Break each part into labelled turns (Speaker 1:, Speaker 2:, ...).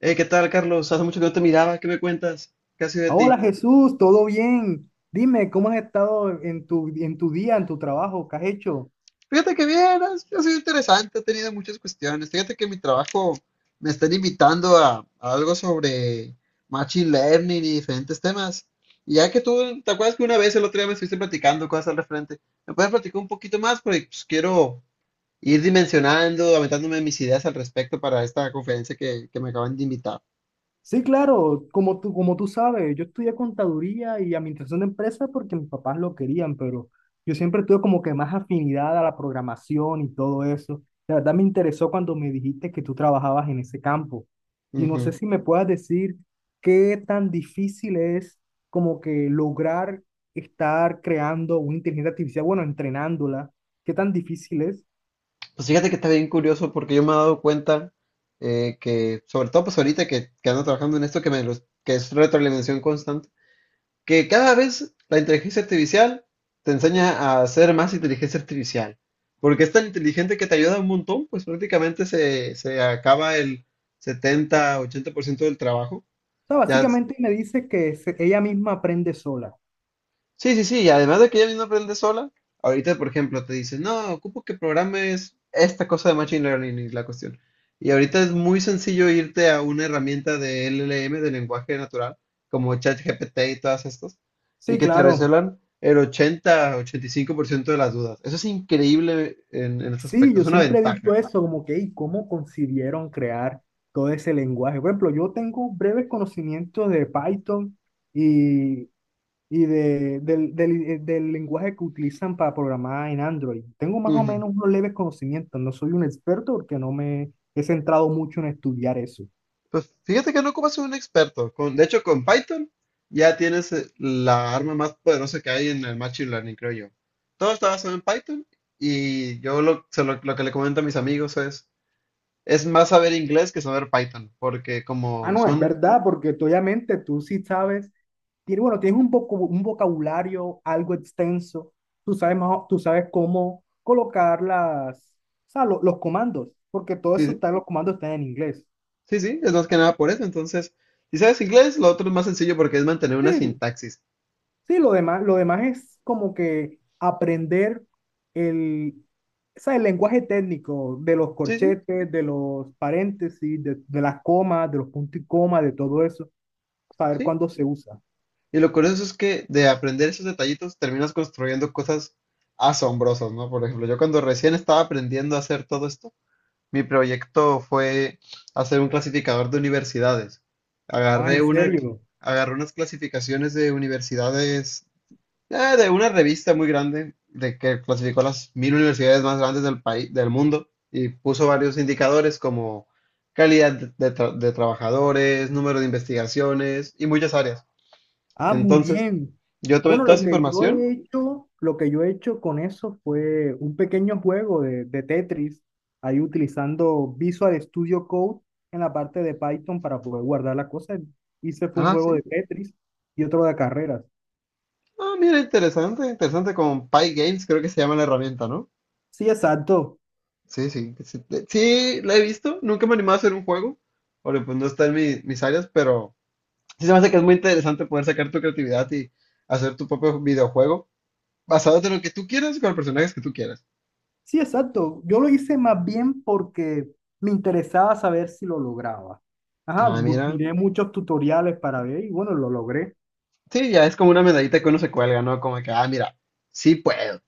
Speaker 1: ¿Qué tal, Carlos? Hace mucho que no te miraba. ¿Qué me cuentas? ¿Qué ha sido de
Speaker 2: Hola
Speaker 1: ti?
Speaker 2: Jesús, ¿todo bien? Dime, ¿cómo has estado en tu día, en tu trabajo? ¿Qué has hecho?
Speaker 1: Fíjate que bien, ha sido interesante, he tenido muchas cuestiones. Fíjate que en mi trabajo me están invitando a algo sobre machine learning y diferentes temas. Y ya que tú, ¿te acuerdas que una vez el otro día me estuviste platicando cosas al referente? ¿Me puedes platicar un poquito más? Porque pues, quiero ir dimensionando, aventándome mis ideas al respecto para esta conferencia que me acaban de invitar.
Speaker 2: Sí, claro, como tú sabes, yo estudié contaduría y administración de empresas porque mis papás lo querían, pero yo siempre tuve como que más afinidad a la programación y todo eso. La verdad me interesó cuando me dijiste que tú trabajabas en ese campo. Y no sé si me puedas decir qué tan difícil es como que lograr estar creando una inteligencia artificial, bueno, entrenándola, qué tan difícil es. O
Speaker 1: Pues fíjate que está bien curioso porque yo me he dado cuenta sobre todo pues ahorita que ando trabajando en esto, que es retroalimentación constante, que cada vez la inteligencia artificial te enseña a hacer más inteligencia artificial, porque es tan inteligente que te ayuda un montón, pues prácticamente se acaba el 70, 80% del trabajo,
Speaker 2: sea,
Speaker 1: ya.
Speaker 2: básicamente me dice que ella misma aprende sola.
Speaker 1: Sí, sí, sí, y además de que ella misma aprende sola, ahorita, por ejemplo, te dice, no, ocupo que programes esta cosa de Machine Learning, y la cuestión. Y ahorita es muy sencillo irte a una herramienta de LLM, de lenguaje natural, como ChatGPT y todas estas, y
Speaker 2: Sí,
Speaker 1: que te
Speaker 2: claro.
Speaker 1: resuelvan el 80, 85% de las dudas. Eso es increíble en este
Speaker 2: Sí,
Speaker 1: aspecto, es
Speaker 2: yo
Speaker 1: una
Speaker 2: siempre he dicho
Speaker 1: ventaja.
Speaker 2: eso, como que, ¿y cómo concibieron crear todo ese lenguaje? Por ejemplo, yo tengo breves conocimientos de Python y, y del lenguaje que utilizan para programar en Android. Tengo más o
Speaker 1: Ujú.
Speaker 2: menos unos leves conocimientos, no soy un experto porque no me he centrado mucho en estudiar eso.
Speaker 1: Pues fíjate que no ocupas un experto. Con, de hecho, con Python ya tienes la arma más poderosa que hay en el Machine Learning, creo yo. Todo está basado en Python y yo lo, se lo que le comento a mis amigos es más saber inglés que saber Python, porque
Speaker 2: Ah,
Speaker 1: como
Speaker 2: no, es
Speaker 1: son,
Speaker 2: verdad, porque tú, obviamente tú sí sabes, bueno, tienes un vocabulario algo extenso, tú sabes cómo colocar o sea, los comandos, porque todo eso
Speaker 1: sí,
Speaker 2: los comandos están en inglés.
Speaker 1: sí, sí, es más que nada por eso. Entonces, si sabes inglés, lo otro es más sencillo porque es mantener una
Speaker 2: Sí,
Speaker 1: sintaxis.
Speaker 2: sí, lo demás es como que aprender el, o sea, el lenguaje técnico de los
Speaker 1: Sí, sí,
Speaker 2: corchetes, de los paréntesis, de las comas, de los puntos y comas, de todo eso, saber
Speaker 1: sí.
Speaker 2: cuándo se usa.
Speaker 1: Y lo curioso es que de aprender esos detallitos terminas construyendo cosas asombrosas, ¿no? Por ejemplo, yo cuando recién estaba aprendiendo a hacer todo esto, mi proyecto fue hacer un clasificador de universidades.
Speaker 2: Ah, en
Speaker 1: Agarré una, cl-
Speaker 2: serio.
Speaker 1: Agarré unas clasificaciones de universidades, de una revista muy grande, de que clasificó las 1000 universidades más grandes del país, del mundo, y puso varios indicadores como calidad de trabajadores, número de investigaciones y muchas áreas.
Speaker 2: Ah, muy
Speaker 1: Entonces,
Speaker 2: bien.
Speaker 1: yo tomé
Speaker 2: Bueno,
Speaker 1: toda
Speaker 2: lo
Speaker 1: esa
Speaker 2: que yo
Speaker 1: información.
Speaker 2: he hecho, lo que yo he hecho con eso fue un pequeño juego de Tetris, ahí utilizando Visual Studio Code en la parte de Python para poder guardar las cosas. Hice fue un
Speaker 1: Ah,
Speaker 2: juego de
Speaker 1: sí.
Speaker 2: Tetris y otro de carreras.
Speaker 1: Ah, mira, interesante, interesante con PyGames, creo que se llama la herramienta, ¿no?
Speaker 2: Sí, exacto.
Speaker 1: Sí, sí, sí, sí, la he visto, nunca me he animado a hacer un juego, porque pues no está en mi- mis áreas, pero sí se me hace que es muy interesante poder sacar tu creatividad y hacer tu propio videojuego basado en lo que tú quieras y con los personajes que tú quieras.
Speaker 2: Sí, exacto. Yo lo hice más bien porque me interesaba saber si lo lograba. Ajá,
Speaker 1: Ah, mira,
Speaker 2: miré muchos tutoriales para ver y bueno, lo logré.
Speaker 1: sí, ya es como una medallita que uno se cuelga, ¿no? Como que, ah, mira, sí puedo,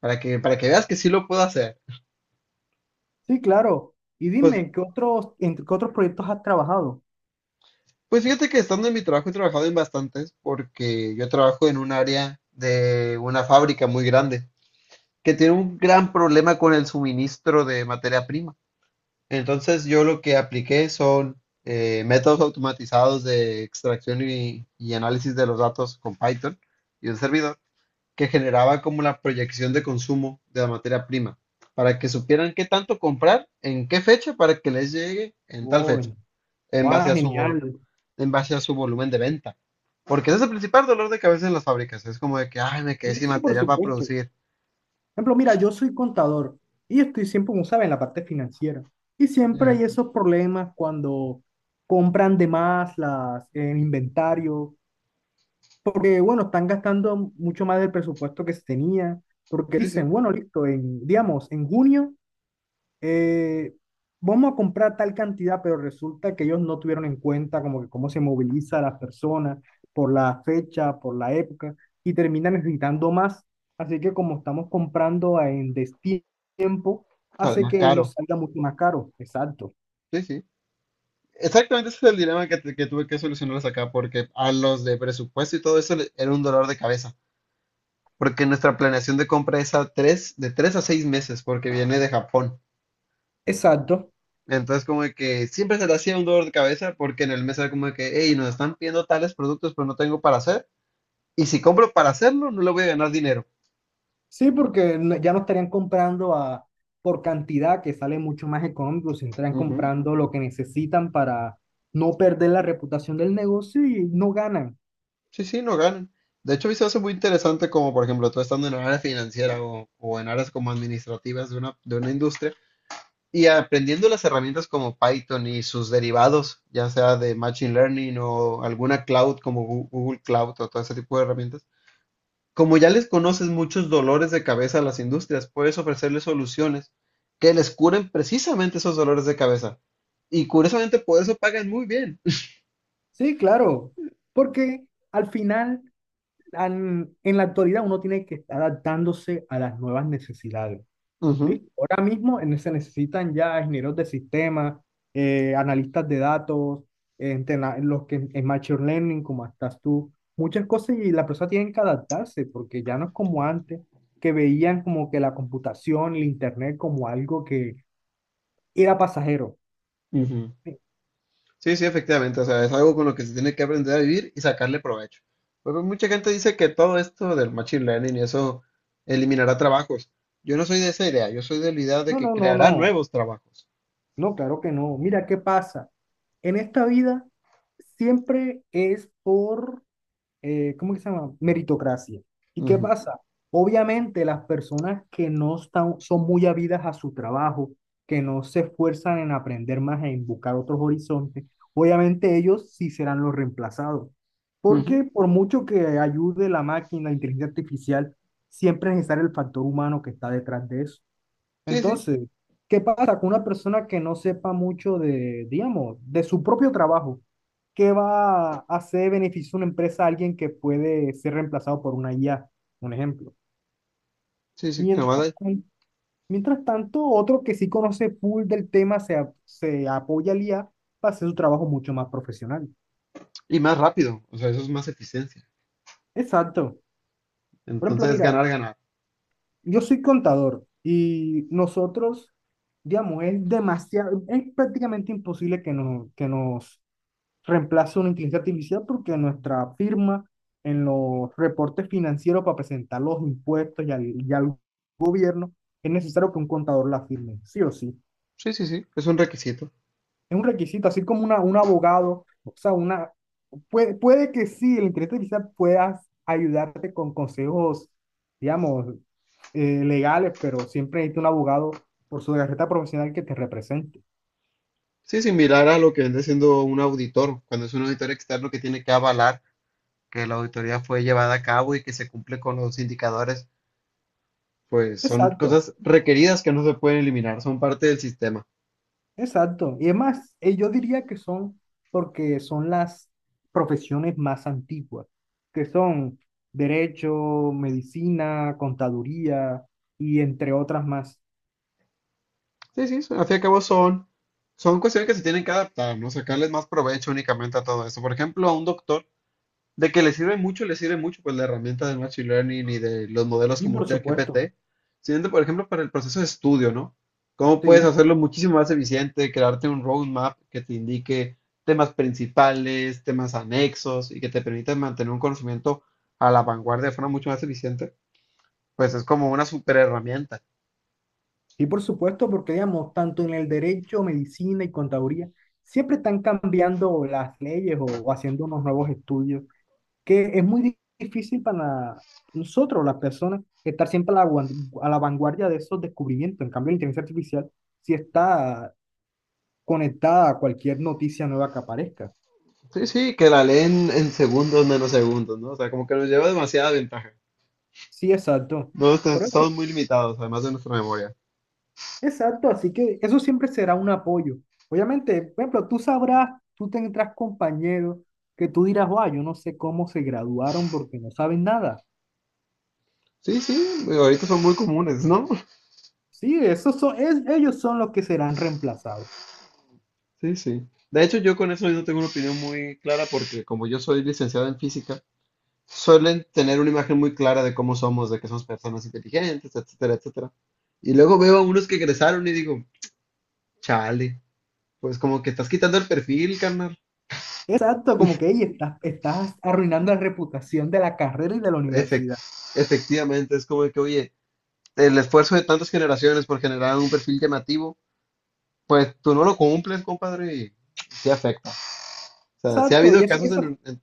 Speaker 1: para que veas que sí lo puedo hacer.
Speaker 2: Sí, claro. Y
Speaker 1: Pues,
Speaker 2: dime, ¿en qué otros proyectos has trabajado?
Speaker 1: Pues fíjate que estando en mi trabajo he trabajado en bastantes porque yo trabajo en un área de una fábrica muy grande que tiene un gran problema con el suministro de materia prima. Entonces yo lo que apliqué son métodos automatizados de extracción y análisis de los datos con Python y un servidor que generaba como la proyección de consumo de la materia prima para que supieran qué tanto comprar, en qué fecha, para que les llegue en tal
Speaker 2: Oh,
Speaker 1: fecha en
Speaker 2: va,
Speaker 1: base a su vol-
Speaker 2: genial.
Speaker 1: en base a su volumen de venta. Porque ese es el principal dolor de cabeza en las fábricas. Es como de que, ay, me quedé
Speaker 2: No,
Speaker 1: sin
Speaker 2: sí, por
Speaker 1: material para
Speaker 2: supuesto. Por
Speaker 1: producir.
Speaker 2: ejemplo, mira, yo soy contador y estoy siempre, como saben, en la parte financiera. Y siempre
Speaker 1: Ujú.
Speaker 2: hay esos problemas cuando compran de más el inventario, porque, bueno, están gastando mucho más del presupuesto que se tenía, porque
Speaker 1: Sí,
Speaker 2: dicen,
Speaker 1: sí,
Speaker 2: bueno, listo, digamos, en junio, eh, vamos a comprar tal cantidad, pero resulta que ellos no tuvieron en cuenta como que cómo se moviliza a las personas por la fecha, por la época, y terminan necesitando más. Así que como estamos comprando en destiempo,
Speaker 1: sale
Speaker 2: hace
Speaker 1: más
Speaker 2: que nos
Speaker 1: caro.
Speaker 2: salga mucho más caro. Exacto.
Speaker 1: Sí, sí. Exactamente ese es el dilema que tuve que solucionarles acá, porque a los de presupuesto y todo eso le- era un dolor de cabeza. Porque nuestra planeación de compra es de tres a seis meses, porque viene de Japón.
Speaker 2: Exacto.
Speaker 1: Entonces, como de que siempre se le hacía un dolor de cabeza, porque en el mes era como de que, hey, nos están pidiendo tales productos, pero no tengo para hacer. Y si compro para hacerlo, no le voy a ganar dinero.
Speaker 2: Sí, porque ya no estarían comprando por cantidad que sale mucho más económico, se estarían
Speaker 1: Ujú.
Speaker 2: comprando lo que necesitan para no perder la reputación del negocio y no ganan.
Speaker 1: Sí, sí, no ganan. De hecho, a mí se me hace muy interesante como, por ejemplo, tú estando en área financiera o en áreas como administrativas de una industria y aprendiendo las herramientas como Python y sus derivados, ya sea de Machine Learning o alguna cloud como Google Cloud o todo ese tipo de herramientas. Como ya les conoces muchos dolores de cabeza a las industrias, puedes ofrecerles soluciones que les curen precisamente esos dolores de cabeza. Y curiosamente por eso pagan muy bien.
Speaker 2: Sí, claro, porque al final, en la actualidad, uno tiene que estar adaptándose a las nuevas necesidades. ¿Listo? Ahora mismo se necesitan ya ingenieros de sistemas, analistas de datos, los que en Machine Learning, como estás tú, muchas cosas y la persona tiene que adaptarse, porque ya no es como antes, que veían como que la computación, el Internet como algo que era pasajero.
Speaker 1: Ujú.
Speaker 2: ¿Sí?
Speaker 1: Sí, sí, efectivamente, o sea, es algo con lo que se tiene que aprender a vivir y sacarle provecho. Pues, mucha gente dice que todo esto del machine learning y eso eliminará trabajos. Yo no soy de esa idea, yo soy de la idea de
Speaker 2: No,
Speaker 1: que
Speaker 2: no, no,
Speaker 1: creará
Speaker 2: no.
Speaker 1: nuevos trabajos.
Speaker 2: No, claro que no. Mira, ¿qué pasa? En esta vida siempre es por, ¿cómo que se llama? Meritocracia. ¿Y qué
Speaker 1: Ujú,
Speaker 2: pasa? Obviamente las personas que no están, son muy habidas a su trabajo, que no se esfuerzan en aprender más, en buscar otros horizontes, obviamente ellos sí serán los reemplazados.
Speaker 1: ujú.
Speaker 2: Porque por mucho que ayude la máquina, la inteligencia artificial, siempre es necesario el factor humano que está detrás de eso.
Speaker 1: Sí, sí,
Speaker 2: Entonces, ¿qué pasa con una persona que no sepa mucho digamos, de su propio trabajo? ¿Qué va a hacer beneficio una empresa a alguien que puede ser reemplazado por una IA? Un ejemplo.
Speaker 1: sí, sí, que nomás
Speaker 2: Mientras,
Speaker 1: hay-
Speaker 2: tan- mientras tanto, otro que sí conoce full del tema se apoya al IA para hacer su trabajo mucho más profesional.
Speaker 1: Y más rápido, o sea, eso es más eficiencia.
Speaker 2: Exacto. Por ejemplo,
Speaker 1: Entonces,
Speaker 2: mira,
Speaker 1: ganar, ganar.
Speaker 2: yo soy contador y nosotros, digamos, es demasiado, es prácticamente imposible que, no, que nos reemplazo una inteligencia artificial porque nuestra firma en los reportes financieros para presentar los impuestos y al gobierno es necesario que un contador la firme, sí o sí.
Speaker 1: Sí, sí, sí, es un requisito.
Speaker 2: Es un requisito, así como un abogado, o sea, puede que sí, la inteligencia artificial puedas ayudarte con consejos, digamos, legales, pero siempre necesita un abogado por su carrera profesional que te represente.
Speaker 1: Sí, similar a lo que viene siendo un auditor, cuando es un auditor externo que tiene que avalar que la auditoría fue llevada a cabo y que se cumple con los indicadores pues son
Speaker 2: Exacto.
Speaker 1: cosas requeridas que no se pueden eliminar, son parte del sistema.
Speaker 2: Exacto. Y es más, yo diría que son porque son las profesiones más antiguas, que son derecho, medicina, contaduría y entre otras más.
Speaker 1: Sí, sí, al fin y al cabo son cuestiones que se tienen que adaptar, ¿no? Sacarles más provecho únicamente a todo eso. Por ejemplo, a un doctor, de que le sirve mucho, pues la herramienta del Machine Learning y de los modelos
Speaker 2: Sí,
Speaker 1: como
Speaker 2: por supuesto.
Speaker 1: ChatGPT, siguiente, por ejemplo, para el proceso de estudio, ¿no? ¿Cómo puedes
Speaker 2: Sí,
Speaker 1: hacerlo muchísimo más eficiente, crearte un roadmap que te indique temas principales, temas anexos y que te permita mantener un conocimiento a la vanguardia de forma mucho más eficiente? Pues es como una super herramienta.
Speaker 2: sí, por supuesto, porque digamos, tanto en el derecho, medicina y contaduría, siempre están cambiando las leyes o haciendo unos nuevos estudios, que es muy difícil para nosotros, las personas, estar siempre a la vanguardia de esos descubrimientos. En cambio, la inteligencia artificial sí está conectada a cualquier noticia nueva que aparezca.
Speaker 1: Sí, sí, que la leen en segundos, menos segundos, ¿no? O sea, como que nos lleva demasiada ventaja.
Speaker 2: Sí, exacto.
Speaker 1: No,
Speaker 2: Por
Speaker 1: estamos
Speaker 2: eso,
Speaker 1: muy limitados, además de nuestra memoria.
Speaker 2: exacto. Así que eso siempre será un apoyo. Obviamente, por ejemplo, tú sabrás, tú tendrás compañeros que tú dirás, wow, yo no sé cómo se graduaron porque no saben nada.
Speaker 1: Sí, sí, digo, ahorita son muy comunes, ¿no?
Speaker 2: Sí, esos son, ellos son los que serán reemplazados.
Speaker 1: Sí, sí. De hecho, yo con eso no tengo una opinión muy clara porque como yo soy licenciado en física, suelen tener una imagen muy clara de cómo somos, de que somos personas inteligentes, etcétera, etcétera. Y luego veo a unos que egresaron y digo, chale, pues como que estás quitando el perfil, carnal.
Speaker 2: Exacto, como que ahí estás arruinando la reputación de la carrera y de la
Speaker 1: Efec-
Speaker 2: universidad.
Speaker 1: Efectivamente, es como que, oye, el esfuerzo de tantas generaciones por generar un perfil llamativo, pues tú no lo cumples, compadre, y sí afecta. O sea, sí ha
Speaker 2: Exacto, y
Speaker 1: habido
Speaker 2: eso,
Speaker 1: casos,
Speaker 2: eso,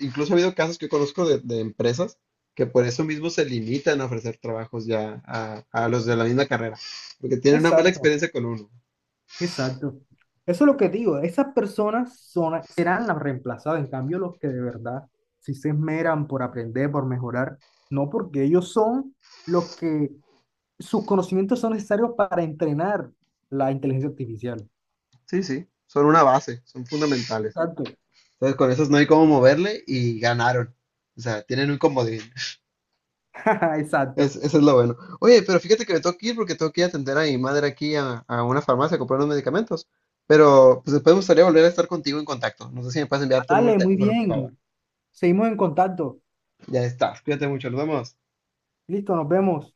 Speaker 1: incluso ha habido casos que conozco de empresas que por eso mismo se limitan a ofrecer trabajos ya a los de la misma carrera, porque tienen una mala
Speaker 2: exacto,
Speaker 1: experiencia con uno.
Speaker 2: exacto. Eso es lo que digo, esas personas serán las reemplazadas, en cambio los que de verdad si se esmeran por aprender, por mejorar, no porque ellos son los que, sus conocimientos son necesarios para entrenar la inteligencia artificial.
Speaker 1: Sí, sí, son una base, son fundamentales.
Speaker 2: Exacto,
Speaker 1: Entonces con esos no hay cómo moverle y ganaron. O sea, tienen un comodín. Es,
Speaker 2: exacto.
Speaker 1: eso es lo bueno. Oye, pero fíjate que me tengo que ir porque tengo que ir a atender a mi madre aquí a una farmacia a comprar unos medicamentos. Pero pues después me gustaría volver a estar contigo en contacto. No sé si me puedes enviar tu número
Speaker 2: Dale,
Speaker 1: de
Speaker 2: muy
Speaker 1: teléfono, por favor.
Speaker 2: bien, seguimos en contacto.
Speaker 1: Ya está. Cuídate mucho. Nos vemos.
Speaker 2: Listo, nos vemos.